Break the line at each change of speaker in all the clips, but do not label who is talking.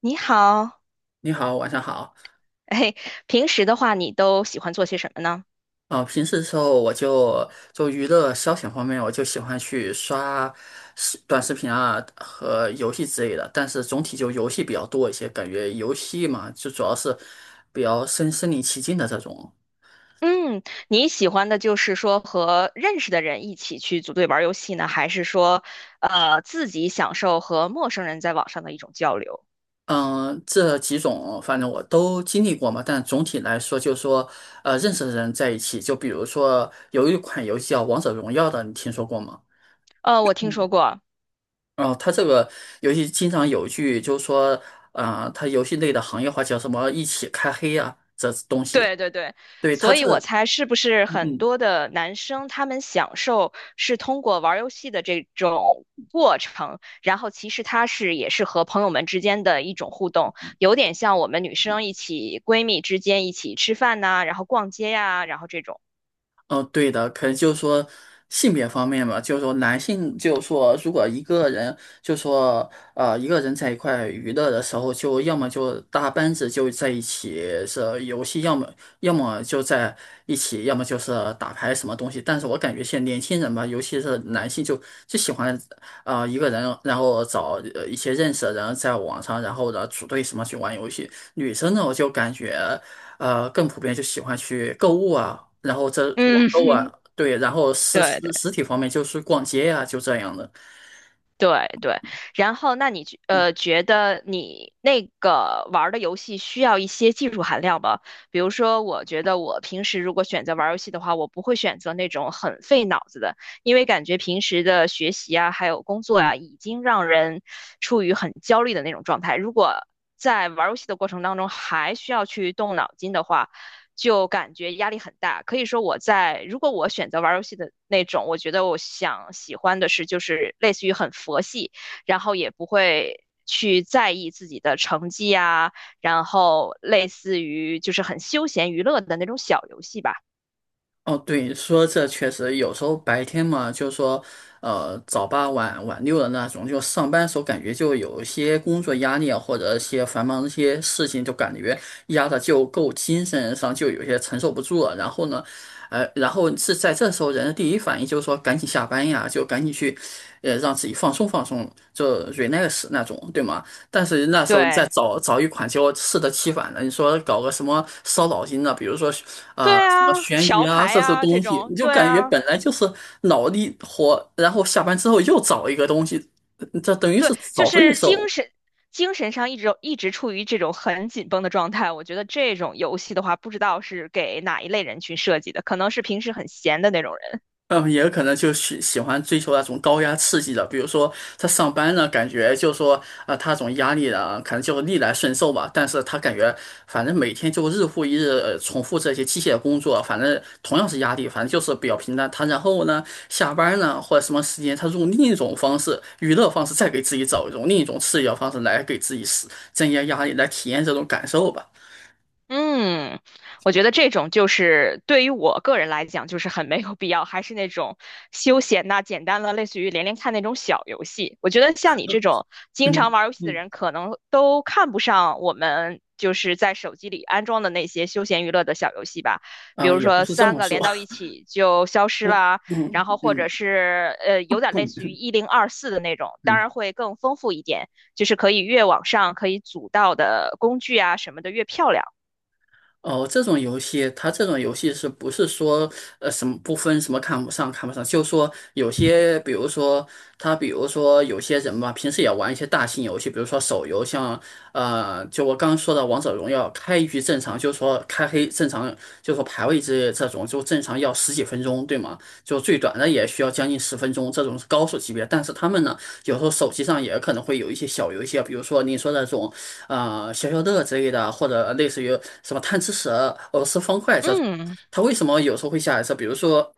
你好，
你好，晚上好。
哎，平时的话，你都喜欢做些什么呢？
平时的时候我就娱乐消遣方面，我就喜欢去刷短视频啊和游戏之类的。但是总体就游戏比较多一些，感觉游戏嘛，就主要是比较身临其境的这种。
嗯，你喜欢的就是说和认识的人一起去组队玩游戏呢，还是说，自己享受和陌生人在网上的一种交流？
嗯，这几种反正我都经历过嘛，但总体来说，就是说，认识的人在一起，就比如说有一款游戏叫《王者荣耀》的，你听说过吗？
我听说过，
哦，它这个游戏经常有一句就是说，它游戏内的行业化叫什么"一起开黑"啊，这东西。
对对对，
对，它
所以
这，
我猜是不是
嗯
很
嗯。
多的男生他们享受是通过玩儿游戏的这种过程，然后其实他是也是和朋友们之间的一种互动，有点像我们女生一起闺蜜之间一起吃饭呐、然后逛街呀、然后这种。
哦，对的，可能就是说性别方面嘛，就是说男性，就是说如果一个人，就是说一个人在一块娱乐的时候，就要么就大班子就在一起是游戏，要么就在一起，要么就是打牌什么东西。但是我感觉现在年轻人吧，尤其是男性就，就喜欢一个人，然后找一些认识的人在网上，然后呢组队什么去玩游戏。女生呢，我就感觉。更普遍就喜欢去购物啊，然后这网
嗯，
购 啊，对，然后
对对。
实体方面就是逛街呀，就这样的。
对对，然后那你觉得你那个玩儿的游戏需要一些技术含量吗？比如说，我觉得我平时如果选择玩儿游戏的话，我不会选择那种很费脑子的，因为感觉平时的学习啊，还有工作啊，已经让人处于很焦虑的那种状态。如果在玩儿游戏的过程当中还需要去动脑筋的话，就感觉压力很大。可以说我在，如果我选择玩游戏的那种，我觉得我想喜欢的是就是类似于很佛系，然后也不会去在意自己的成绩啊，然后类似于就是很休闲娱乐的那种小游戏吧。
哦，对，说这确实有时候白天嘛，就说，早八晚六的那种，就上班时候感觉就有一些工作压力啊，或者一些繁忙的一些事情，就感觉压的就够精神上就有些承受不住了。然后呢，然后是在这时候人的第一反应就是说赶紧下班呀，就赶紧去，让自己放松放松，就 relax 那种，对吗？但是那时候再
对，
找一款，结果适得其反的。你说搞个什么烧脑筋的，比如说
对
什么
啊，
悬疑
桥
啊
牌
这些
啊这
东西，你
种，
就
对
感觉
啊。
本来就是脑力活，然后下班之后又找一个东西，嗯这等于
对，
是
就
找罪
是精
受。
神精神上一直处于这种很紧绷的状态。我觉得这种游戏的话，不知道是给哪一类人群设计的，可能是平时很闲的那种人。
嗯，也有可能就是喜欢追求那种高压刺激的，比如说他上班呢，感觉就是说他这种压力呢，可能就逆来顺受吧。但是他感觉反正每天就日复一日、重复这些机械工作，反正同样是压力，反正就是比较平淡。他然后呢，下班呢或者什么时间，他用另一种方式、娱乐方式，再给自己找一种另一种刺激的方式来给自己施增加压力，来体验这种感受吧。
嗯，我觉得这种就是对于我个人来讲，就是很没有必要，还是那种休闲呐、简单的，类似于连连看那种小游戏。我觉得像你这种经常
嗯
玩游戏的
嗯，
人，可能都看不上我们就是在手机里安装的那些休闲娱乐的小游戏吧，比如
也不
说
是这
三
么
个
说。
连到一起就消 失
嗯
啦，然
嗯
后或者
嗯。
是有点类似于1024的那种，当
嗯。
然会更丰富一点，就是可以越往上可以组到的工具啊什么的越漂亮。
哦，这种游戏，它这种游戏是不是说，什么不分什么看不上？就说有些，比如说他，比如说有些人吧，平时也玩一些大型游戏，比如说手游，像就我刚刚说的《王者荣耀》，开局正常，就说开黑正常，就说排位之类的这种，就正常要十几分钟，对吗？就最短的也需要将近十分钟，这种是高手级别。但是他们呢，有时候手机上也可能会有一些小游戏啊，比如说你说那种消消乐之类的，或者类似于什么贪吃蛇、俄罗斯方块这种，
嗯，
他为什么有时候会下一次？比如说，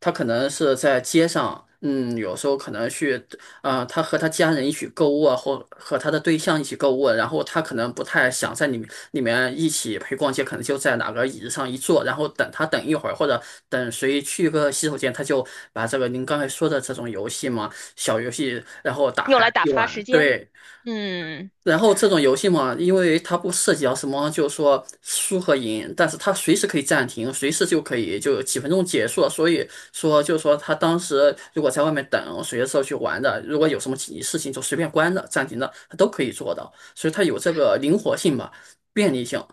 他可能是在街上，嗯，有时候可能去，他和他家人一起购物啊，或和他的对象一起购物，然后他可能不太想在里面一起陪逛街，可能就在哪个椅子上一坐，然后等他等一会儿，或者等谁去个洗手间，他就把这个您刚才说的这种游戏嘛，小游戏，然后打
用
开
来打
一
发
玩，
时间。
对。
嗯，
然后这种游戏嘛，因为它不涉及到什么，就是说输和赢，但是它随时可以暂停，随时就可以就几分钟结束了。所以说，就是说他当时如果在外面等，随时去玩的，如果有什么紧急事情就随便关的、暂停的，他都可以做到。所以它有这个灵活性吧，便利性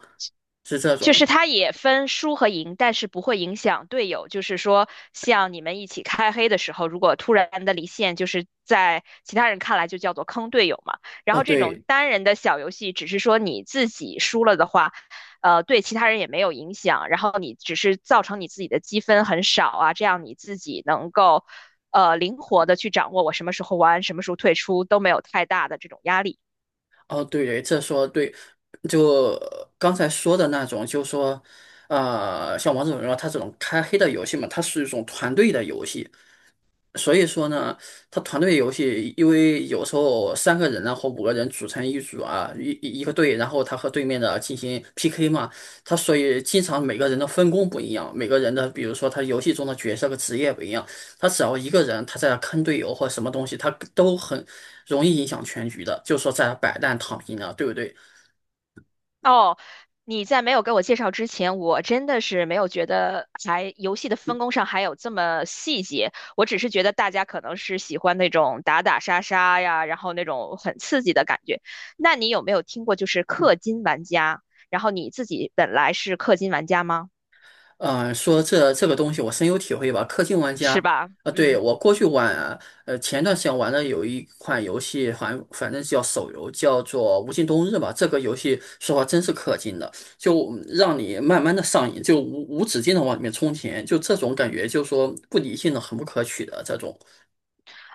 是这
就
种。
是它也分输和赢，但是不会影响队友。就是说，像你们一起开黑的时候，如果突然的离线，就是在其他人看来就叫做坑队友嘛。然
哦，
后这种
对，
单人的小游戏，只是说你自己输了的话，对其他人也没有影响。然后你只是造成你自己的积分很少啊，这样你自己能够灵活的去掌握我什么时候玩，什么时候退出，都没有太大的这种压力。
哦，对对，这说对，就刚才说的那种，就是说。像王者荣耀它这种开黑的游戏嘛，它是一种团队的游戏，所以说呢，他团队游戏，因为有时候三个人啊或五个人组成一组啊，一个队，然后他和对面的进行 PK 嘛，他所以经常每个人的分工不一样，每个人的比如说他游戏中的角色和职业不一样，他只要一个人他在坑队友或什么东西，他都很容易影响全局的，就说在摆烂躺平啊，对不对？
哦，你在没有给我介绍之前，我真的是没有觉得还游戏的分工上还有这么细节。我只是觉得大家可能是喜欢那种打打杀杀呀，然后那种很刺激的感觉。那你有没有听过就是氪金玩家？然后你自己本来是氪金玩家吗？
嗯，说这个东西我深有体会吧。氪金玩
是
家，
吧？
啊，对，
嗯。
我过去玩啊，前段时间玩的有一款游戏，反正叫手游，叫做《无尽冬日》吧。这个游戏说话真是氪金的，就让你慢慢的上瘾，就无止境的往里面充钱，就这种感觉，就是说不理性的、很不可取的这种。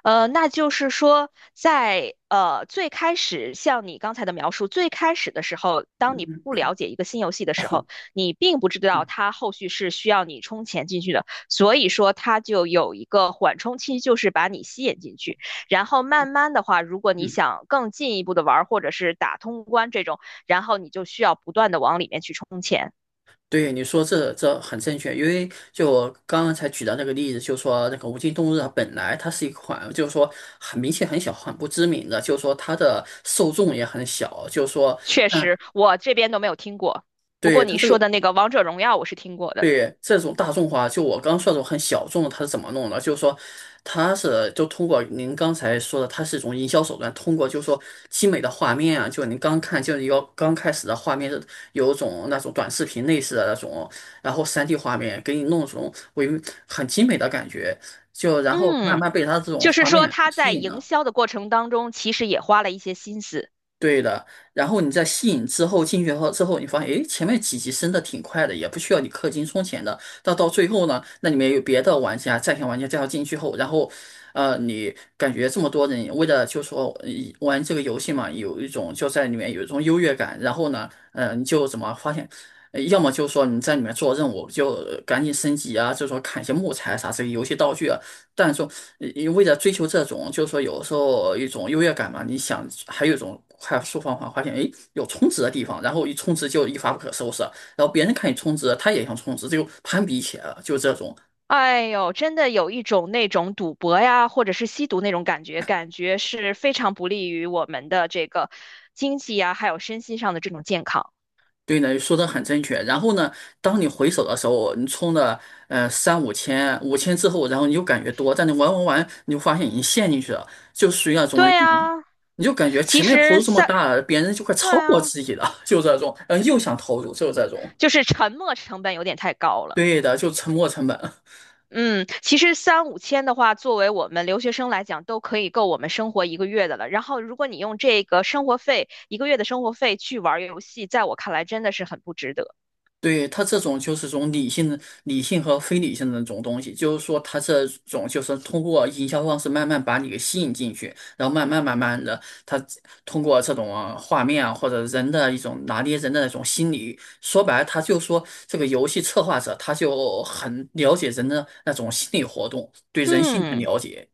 那就是说，在最开始，像你刚才的描述，最开始的时候，当你不了解一个新游戏的时候，你并不知道它后续是需要你充钱进去的，所以说它就有一个缓冲期，就是把你吸引进去。然后慢慢的话，如果你
嗯。
想更进一步的玩儿，或者是打通关这种，然后你就需要不断的往里面去充钱。
对你说这很正确，因为就我刚刚才举的那个例子，就说那个无尽冬日》它本来它是一款，就是说很明显很小、很不知名的，就是说它的受众也很小，就是说，
确
嗯，
实，我这边都没有听过，不过
对它
你
这
说的
个。
那个《王者荣耀》，我是听过的。
对这种大众化，就我刚说的这种很小众的，它是怎么弄的？就是说，它是就通过您刚才说的，它是一种营销手段，通过就是说精美的画面啊，就您刚看就是要刚开始的画面是有一种那种短视频类似的那种，然后三 d 画面给你弄这种为很精美的感觉，就然后慢
嗯。
慢被它这种
就是
画
说
面
他
吸
在
引
营
了。
销的过程当中，其实也花了一些心思。
对的，然后你在吸引之后进去后之后，你发现诶，前面几级升的挺快的，也不需要你氪金充钱的。到最后呢，那里面有别的玩家、在线玩家介绍进去后，然后，你感觉这么多人为了就说玩这个游戏嘛，有一种就在里面有一种优越感。然后呢，嗯，你就怎么发现，要么就说你在里面做任务就赶紧升级啊，就说砍一些木材啥这些游戏道具啊，但是说，你为了追求这种，就是说有时候一种优越感嘛，你想还有一种快速方法，发现诶有充值的地方，然后一充值就一发不可收拾，然后别人看你充值，他也想充值，这就攀比起来了，就这种。
哎呦，真的有一种那种赌博呀，或者是吸毒那种感觉，感觉是非常不利于我们的这个经济呀，还有身心上的这种健康。
对呢，说的很正确。然后呢，当你回首的时候，你充了三五千、五千之后，然后你就感觉多，但你玩，你就发现已经陷进去了，就属于那种
对啊，
你就感觉
其
前面投
实
入这么
三，
大，别人就快
对
超过
啊，
自己了，就这种，嗯，又想投入，就这种。
就是沉没成本有点太高了。
对的，就沉没成本。
嗯，其实三五千的话，作为我们留学生来讲，都可以够我们生活一个月的了。然后，如果你用这个生活费，一个月的生活费去玩儿游戏，在我看来真的是很不值得。
对，它这种就是种理性的、理性和非理性的那种东西，就是说它这种就是通过营销方式慢慢把你给吸引进去，然后慢慢的，它通过这种啊画面啊或者人的一种拿捏人的那种心理，说白了，他就说这个游戏策划者他就很了解人的那种心理活动，对人性很
嗯。
了解。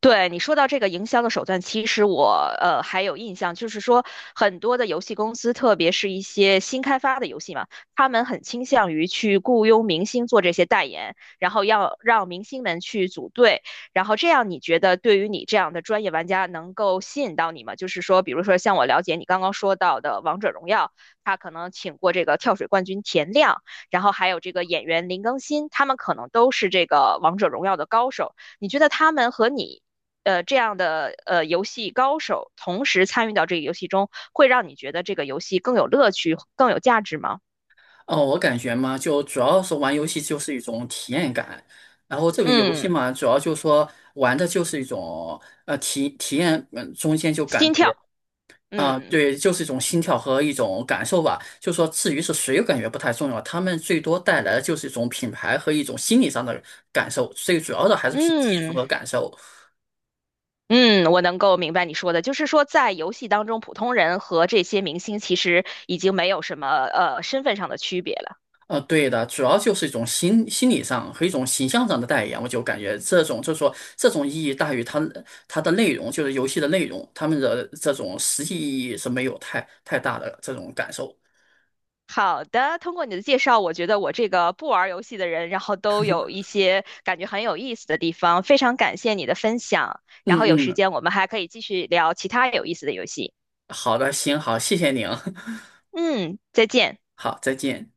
对你说到这个营销的手段，其实我还有印象，就是说很多的游戏公司，特别是一些新开发的游戏嘛，他们很倾向于去雇佣明星做这些代言，然后要让明星们去组队，然后这样你觉得对于你这样的专业玩家能够吸引到你吗？就是说，比如说像我了解你刚刚说到的《王者荣耀》，他可能请过这个跳水冠军田亮，然后还有这个演员林更新，他们可能都是这个《王者荣耀》的高手，你觉得他们和你？这样的游戏高手同时参与到这个游戏中，会让你觉得这个游戏更有乐趣、更有价值吗？
哦，我感觉嘛，就主要是玩游戏就是一种体验感，然后这个游戏
嗯，
嘛，主要就是说玩的就是一种体验，嗯，中间就感
心跳，
觉
嗯。
对，就是一种心跳和一种感受吧。就说至于是谁，我感觉不太重要，他们最多带来的就是一种品牌和一种心理上的感受，最主要的还是凭技术
嗯
和感受。
嗯，我能够明白你说的，就是说在游戏当中，普通人和这些明星其实已经没有什么身份上的区别了。
对的，主要就是一种心理上和一种形象上的代言，我就感觉这种就是说这种意义大于它的内容，就是游戏的内容，他们的这种实际意义是没有太大的这种感受。
好的，通过你的介绍，我觉得我这个不玩游戏的人，然后都有一些感觉很有意思的地方，非常感谢你的分享。然
嗯
后有时
嗯，
间我们还可以继续聊其他有意思的游戏。
好的，行，好，谢谢您，
嗯，再见。
好，再见。